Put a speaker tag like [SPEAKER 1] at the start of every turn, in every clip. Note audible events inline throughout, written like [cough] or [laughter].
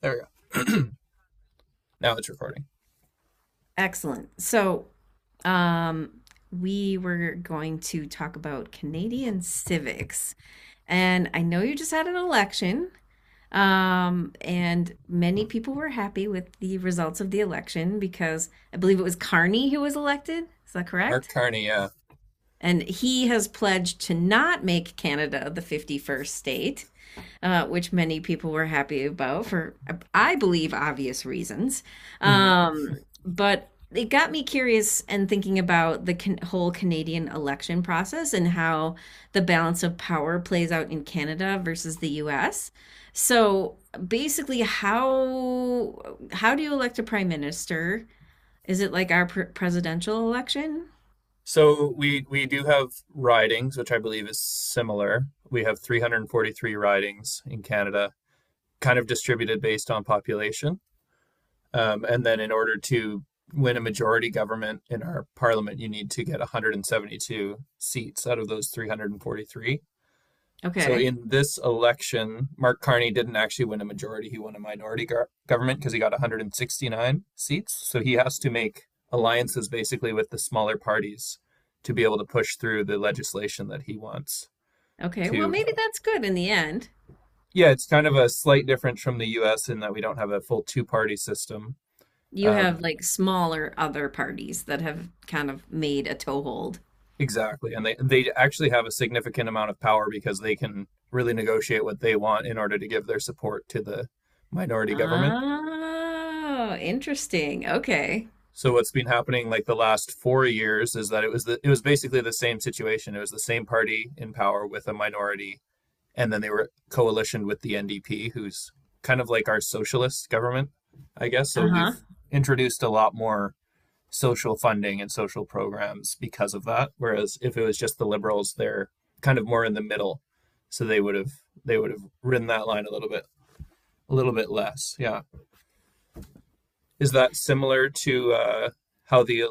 [SPEAKER 1] There we go. [clears throat] Now it's recording.
[SPEAKER 2] Excellent. So, um, we were going to talk about Canadian civics. And I know you just had an election, and many people were happy with the results of the election because I believe it was Carney who was elected. Is that
[SPEAKER 1] Mark
[SPEAKER 2] correct?
[SPEAKER 1] Carney, yeah.
[SPEAKER 2] And he has pledged to not make Canada the 51st state, which many people were happy about for, I believe, obvious reasons.
[SPEAKER 1] hmm
[SPEAKER 2] Um, but it got me curious and thinking about the whole Canadian election process and how the balance of power plays out in Canada versus the US. So basically, how do you elect a prime minister? Is it like our presidential election?
[SPEAKER 1] So we do have ridings, which I believe is similar. We have 343 ridings in Canada, kind of distributed based on population. And then in order to win a majority government in our parliament, you need to get 172 seats out of those 343. So
[SPEAKER 2] Okay.
[SPEAKER 1] in this election, Mark Carney didn't actually win a majority. He won a minority government because he got 169 seats. So he has to make alliances basically with the smaller parties to be able to push through the legislation that he wants
[SPEAKER 2] Okay. Well,
[SPEAKER 1] to.
[SPEAKER 2] maybe that's good in the end.
[SPEAKER 1] Yeah, it's kind of a slight difference from the US in that we don't have a full two party system.
[SPEAKER 2] You have
[SPEAKER 1] Um,
[SPEAKER 2] like smaller other parties that have kind of made a toehold.
[SPEAKER 1] exactly. And they actually have a significant amount of power because they can really negotiate what they want in order to give their support to the minority government.
[SPEAKER 2] Oh, interesting. Okay.
[SPEAKER 1] So what's been happening like the last 4 years is that it was basically the same situation. It was the same party in power with a minority, and then they were coalitioned with the NDP, who's kind of like our socialist government, I guess. So we've
[SPEAKER 2] Uh-huh.
[SPEAKER 1] introduced a lot more social funding and social programs because of that. Whereas if it was just the liberals, they're kind of more in the middle. So they would have ridden that line a little bit less. Yeah. Is that similar to how the—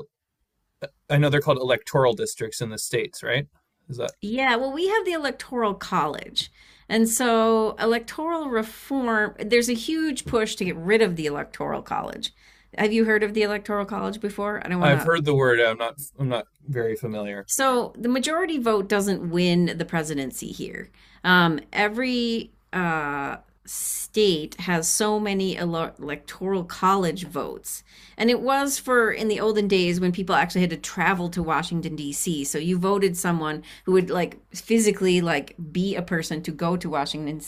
[SPEAKER 1] I know they're called electoral districts in the states, right? Is that—
[SPEAKER 2] Yeah, well, we have the Electoral College. And so, electoral reform, there's a huge push to get rid of the Electoral College. Have you heard of the Electoral College before? I don't want
[SPEAKER 1] I've
[SPEAKER 2] to.
[SPEAKER 1] heard the word. I'm not very familiar.
[SPEAKER 2] So the majority vote doesn't win the presidency here. Every state has so many electoral college votes, and it was for in the olden days when people actually had to travel to Washington D.C. So you voted someone who would like physically like be a person to go to Washington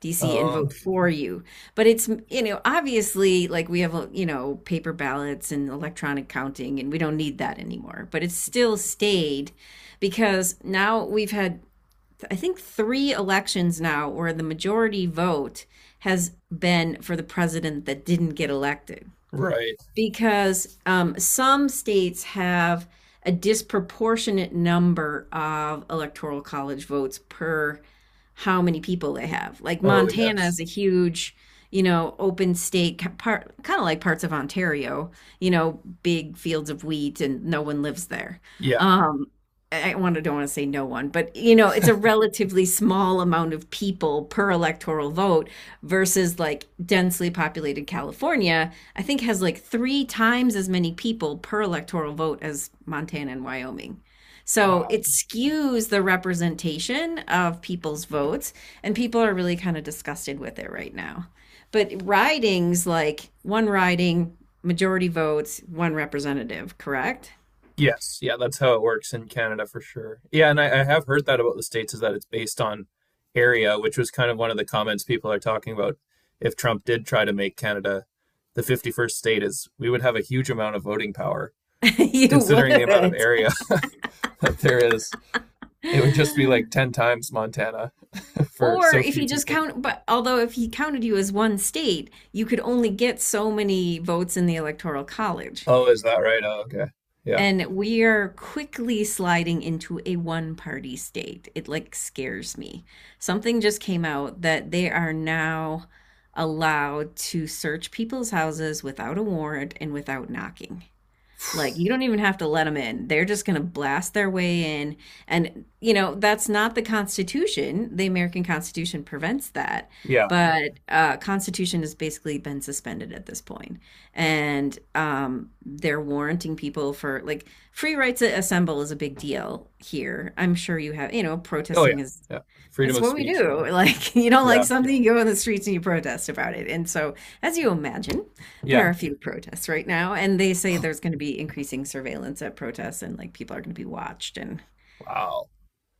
[SPEAKER 2] D.C. and
[SPEAKER 1] Oh,
[SPEAKER 2] vote for you. But it's obviously like we have paper ballots and electronic counting, and we don't need that anymore. But it's still stayed because now we've had, I think, three elections now where the majority vote has been for the president that didn't get elected
[SPEAKER 1] right.
[SPEAKER 2] because some states have a disproportionate number of electoral college votes per how many people they have. Like
[SPEAKER 1] Oh,
[SPEAKER 2] Montana
[SPEAKER 1] yes.
[SPEAKER 2] is a huge, open state, part kind of like parts of Ontario. Big fields of wheat, and no one lives there.
[SPEAKER 1] Yeah.
[SPEAKER 2] Um, I want to don't want to say no one, but it's a relatively small amount of people per electoral vote versus like densely populated California, I think has like three times as many people per electoral vote as Montana and Wyoming. So
[SPEAKER 1] Wow.
[SPEAKER 2] it skews the representation of people's votes, and people are really kind of disgusted with it right now. But ridings, like one riding, majority votes, one representative, correct?
[SPEAKER 1] Yes. Yeah. That's how it works in Canada for sure. Yeah, and I have heard that about the states is that it's based on area, which was kind of one of the comments people are talking about. If Trump did try to make Canada the 51st state, is we would have a huge amount of voting power
[SPEAKER 2] [laughs] You
[SPEAKER 1] considering the amount of
[SPEAKER 2] would.
[SPEAKER 1] area [laughs] that there is. It would just be like 10
[SPEAKER 2] [laughs]
[SPEAKER 1] times Montana [laughs] for
[SPEAKER 2] Or
[SPEAKER 1] so
[SPEAKER 2] if
[SPEAKER 1] few
[SPEAKER 2] he just
[SPEAKER 1] people.
[SPEAKER 2] count, but although if he counted you as one state, you could only get so many votes in the Electoral College.
[SPEAKER 1] Oh, is that right? Oh, okay. Yeah.
[SPEAKER 2] And we are quickly sliding into a one party state. It like scares me. Something just came out that they are now allowed to search people's houses without a warrant and without knocking. Like you don't even have to let them in. They're just going to blast their way in, and that's not the Constitution. The American Constitution prevents that.
[SPEAKER 1] Yeah.
[SPEAKER 2] But Constitution has basically been suspended at this point. And they're warranting people for like free rights to assemble is a big deal here. I'm sure you have,
[SPEAKER 1] Oh, yeah.
[SPEAKER 2] protesting is
[SPEAKER 1] Yeah. Freedom
[SPEAKER 2] that's
[SPEAKER 1] of
[SPEAKER 2] what we
[SPEAKER 1] speech,
[SPEAKER 2] do.
[SPEAKER 1] whatnot.
[SPEAKER 2] Like, [laughs] you don't like
[SPEAKER 1] Yeah.
[SPEAKER 2] something, you go on the streets and you protest about it. And so, as you imagine,
[SPEAKER 1] Yeah.
[SPEAKER 2] there are a few protests right now, and they say there's going to be increasing surveillance at protests and like people are going to be watched. And
[SPEAKER 1] Wow.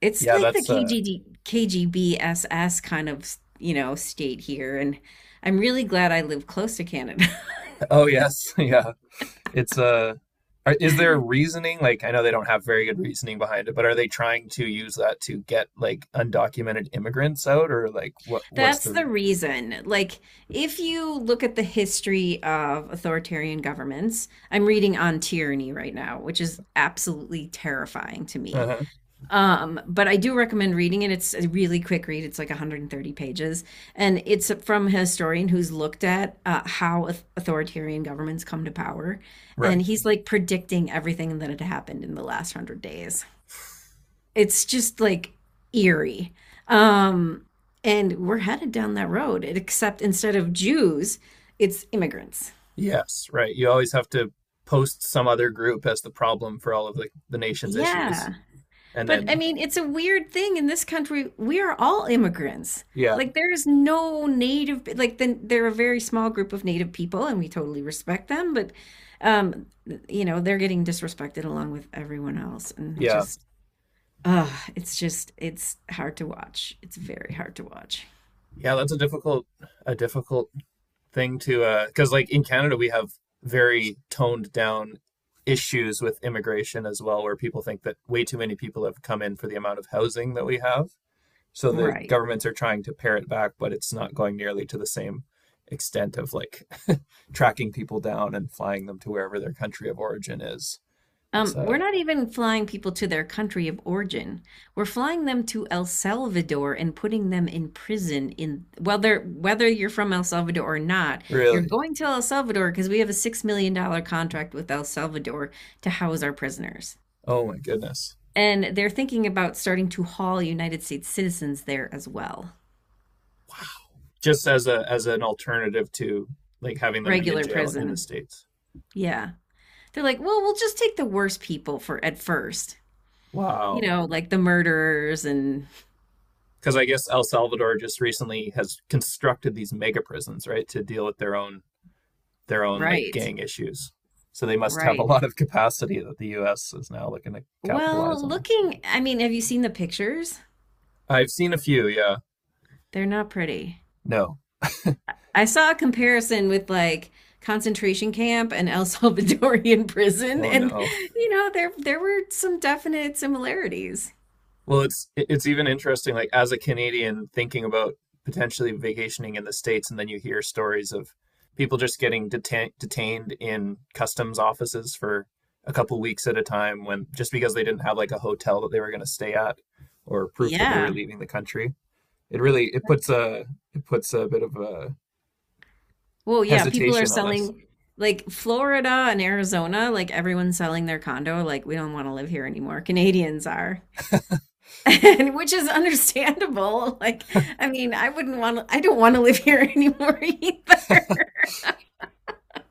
[SPEAKER 2] it's
[SPEAKER 1] Yeah,
[SPEAKER 2] like the
[SPEAKER 1] that's
[SPEAKER 2] K
[SPEAKER 1] uh—
[SPEAKER 2] G D K G B S S kind of state here. And I'm really glad I live close to Canada.
[SPEAKER 1] oh yes, [laughs] yeah. It's uh— is there reasoning? Like I know they don't have very good reasoning behind it, but are they trying to use that to get like undocumented immigrants out, or like
[SPEAKER 2] [laughs]
[SPEAKER 1] what's
[SPEAKER 2] That's
[SPEAKER 1] the—
[SPEAKER 2] the reason. Like, if you look at the history of authoritarian governments, I'm reading On Tyranny right now, which is absolutely terrifying to me.
[SPEAKER 1] Uh-huh.
[SPEAKER 2] But I do recommend reading it. It's a really quick read. It's like 130 pages, and it's from a historian who's looked at how authoritarian governments come to power, and
[SPEAKER 1] Right.
[SPEAKER 2] he's like predicting everything that had happened in the last 100 days. It's just like eerie, um, and we're headed down that road. Except instead of Jews, it's immigrants.
[SPEAKER 1] Yes, right. You always have to post some other group as the problem for all of the nation's issues.
[SPEAKER 2] Yeah.
[SPEAKER 1] And
[SPEAKER 2] But I
[SPEAKER 1] then—
[SPEAKER 2] mean, it's a weird thing in this country. We are all immigrants.
[SPEAKER 1] Yeah.
[SPEAKER 2] Like there is no native, like then they're a very small group of native people, and we totally respect them. But um, they're getting disrespected along with everyone else, and
[SPEAKER 1] Yeah.
[SPEAKER 2] just, it's hard to watch. It's very hard to watch.
[SPEAKER 1] Yeah, that's a difficult thing to uh— cuz like in Canada we have very toned down issues with immigration as well, where people think that way too many people have come in for the amount of housing that we have. So the
[SPEAKER 2] Right.
[SPEAKER 1] governments are trying to pare it back, but it's not going nearly to the same extent of like [laughs] tracking people down and flying them to wherever their country of origin is. It's uh—
[SPEAKER 2] We're not even flying people to their country of origin. We're flying them to El Salvador and putting them in prison in whether you're from El Salvador or not, you're
[SPEAKER 1] really—
[SPEAKER 2] going to El Salvador because we have a $6 million contract with El Salvador to house our prisoners.
[SPEAKER 1] oh my goodness.
[SPEAKER 2] And they're thinking about starting to haul United States citizens there as well.
[SPEAKER 1] Just as a as an alternative to like having them be in
[SPEAKER 2] Regular
[SPEAKER 1] jail in the
[SPEAKER 2] prison.
[SPEAKER 1] states.
[SPEAKER 2] Yeah. They're like, well, we'll just take the worst people for at first.
[SPEAKER 1] Wow.
[SPEAKER 2] You know, like the murderers, and
[SPEAKER 1] Because I guess El Salvador just recently has constructed these mega prisons, right, to deal with their own like
[SPEAKER 2] right.
[SPEAKER 1] gang issues. So they must have a
[SPEAKER 2] Right.
[SPEAKER 1] lot of capacity that the U.S. is now looking to
[SPEAKER 2] Well,
[SPEAKER 1] capitalize on.
[SPEAKER 2] looking, I mean, have you seen the pictures?
[SPEAKER 1] I've seen a few, yeah.
[SPEAKER 2] They're not pretty.
[SPEAKER 1] No,
[SPEAKER 2] I saw a comparison with like concentration camp and El Salvadorian [laughs] prison,
[SPEAKER 1] oh
[SPEAKER 2] and
[SPEAKER 1] no.
[SPEAKER 2] there were some definite similarities.
[SPEAKER 1] Well, it's even interesting, like as a Canadian thinking about potentially vacationing in the States, and then you hear stories of people just getting detained in customs offices for a couple weeks at a time, when— just because they didn't have like a hotel that they were going to stay at or proof that they were
[SPEAKER 2] Yeah.
[SPEAKER 1] leaving the country. It really— it puts a bit of a
[SPEAKER 2] Well, yeah, people are
[SPEAKER 1] hesitation on us.
[SPEAKER 2] selling like Florida and Arizona, like everyone's selling their condo, like we don't want to live here anymore. Canadians are. [laughs] And which is understandable. [laughs] Like, I mean, I don't want to live here [laughs] anymore either.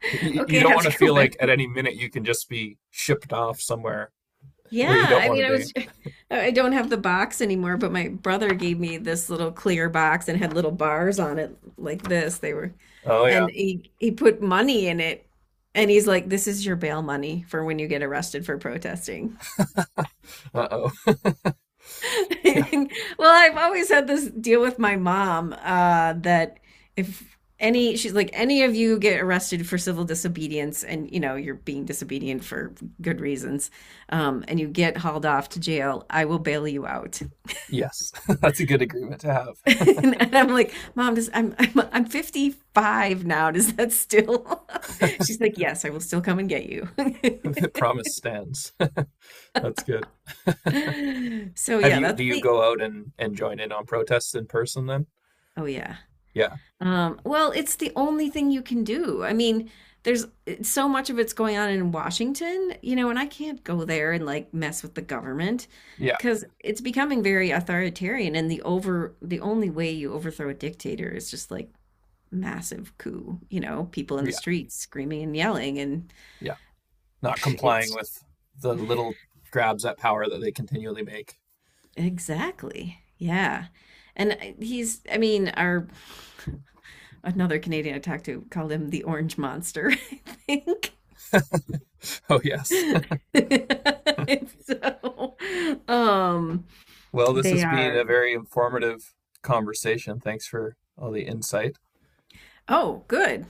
[SPEAKER 2] [laughs]
[SPEAKER 1] You
[SPEAKER 2] Okay, I
[SPEAKER 1] don't
[SPEAKER 2] have
[SPEAKER 1] want to
[SPEAKER 2] to go
[SPEAKER 1] feel
[SPEAKER 2] back.
[SPEAKER 1] like at any minute you can just be shipped off somewhere
[SPEAKER 2] Yeah,
[SPEAKER 1] where you don't
[SPEAKER 2] I
[SPEAKER 1] want to
[SPEAKER 2] mean, I
[SPEAKER 1] be.
[SPEAKER 2] was, [laughs] I don't have the box anymore, but my brother gave me this little clear box and had little bars on it like this. They were,
[SPEAKER 1] Oh yeah.
[SPEAKER 2] and he put money in it, and he's like, "This is your bail money for when you get arrested for protesting."
[SPEAKER 1] Uh-oh. [laughs] Yeah.
[SPEAKER 2] [laughs] Well, I've always had this deal with my mom that if any she's like any of you get arrested for civil disobedience, and you know you're being disobedient for good reasons, and you get hauled off to jail, I will bail you out.
[SPEAKER 1] Yes, [laughs] that's a good agreement to
[SPEAKER 2] [laughs]
[SPEAKER 1] have. [laughs]
[SPEAKER 2] And I'm like, Mom, does I'm 55 now. Does that still? [laughs] She's like, Yes, I will still come and get you.
[SPEAKER 1] The
[SPEAKER 2] [laughs]
[SPEAKER 1] promise stands. [laughs] That's good.
[SPEAKER 2] So
[SPEAKER 1] Have
[SPEAKER 2] yeah,
[SPEAKER 1] you, do
[SPEAKER 2] that's
[SPEAKER 1] you
[SPEAKER 2] the.
[SPEAKER 1] go out and, join in on protests in person then?
[SPEAKER 2] Oh yeah.
[SPEAKER 1] Yeah,
[SPEAKER 2] Well, it's the only thing you can do. I mean, there's so much of it's going on in Washington, you know, and I can't go there and like mess with the government
[SPEAKER 1] yeah,
[SPEAKER 2] because it's becoming very authoritarian. And the only way you overthrow a dictator is just like massive coup, you know, people in the
[SPEAKER 1] yeah,
[SPEAKER 2] streets screaming and yelling. And
[SPEAKER 1] yeah. Not complying
[SPEAKER 2] it's
[SPEAKER 1] with the little grabs at power that they continually make. [laughs]
[SPEAKER 2] exactly, yeah. And he's, I mean, our another Canadian I talked to called him the Orange Monster, [laughs] I think.
[SPEAKER 1] Oh, yes.
[SPEAKER 2] [laughs] And so, um,
[SPEAKER 1] Well, this
[SPEAKER 2] they
[SPEAKER 1] has been a
[SPEAKER 2] are,
[SPEAKER 1] very informative conversation. Thanks for all the insight.
[SPEAKER 2] oh, good.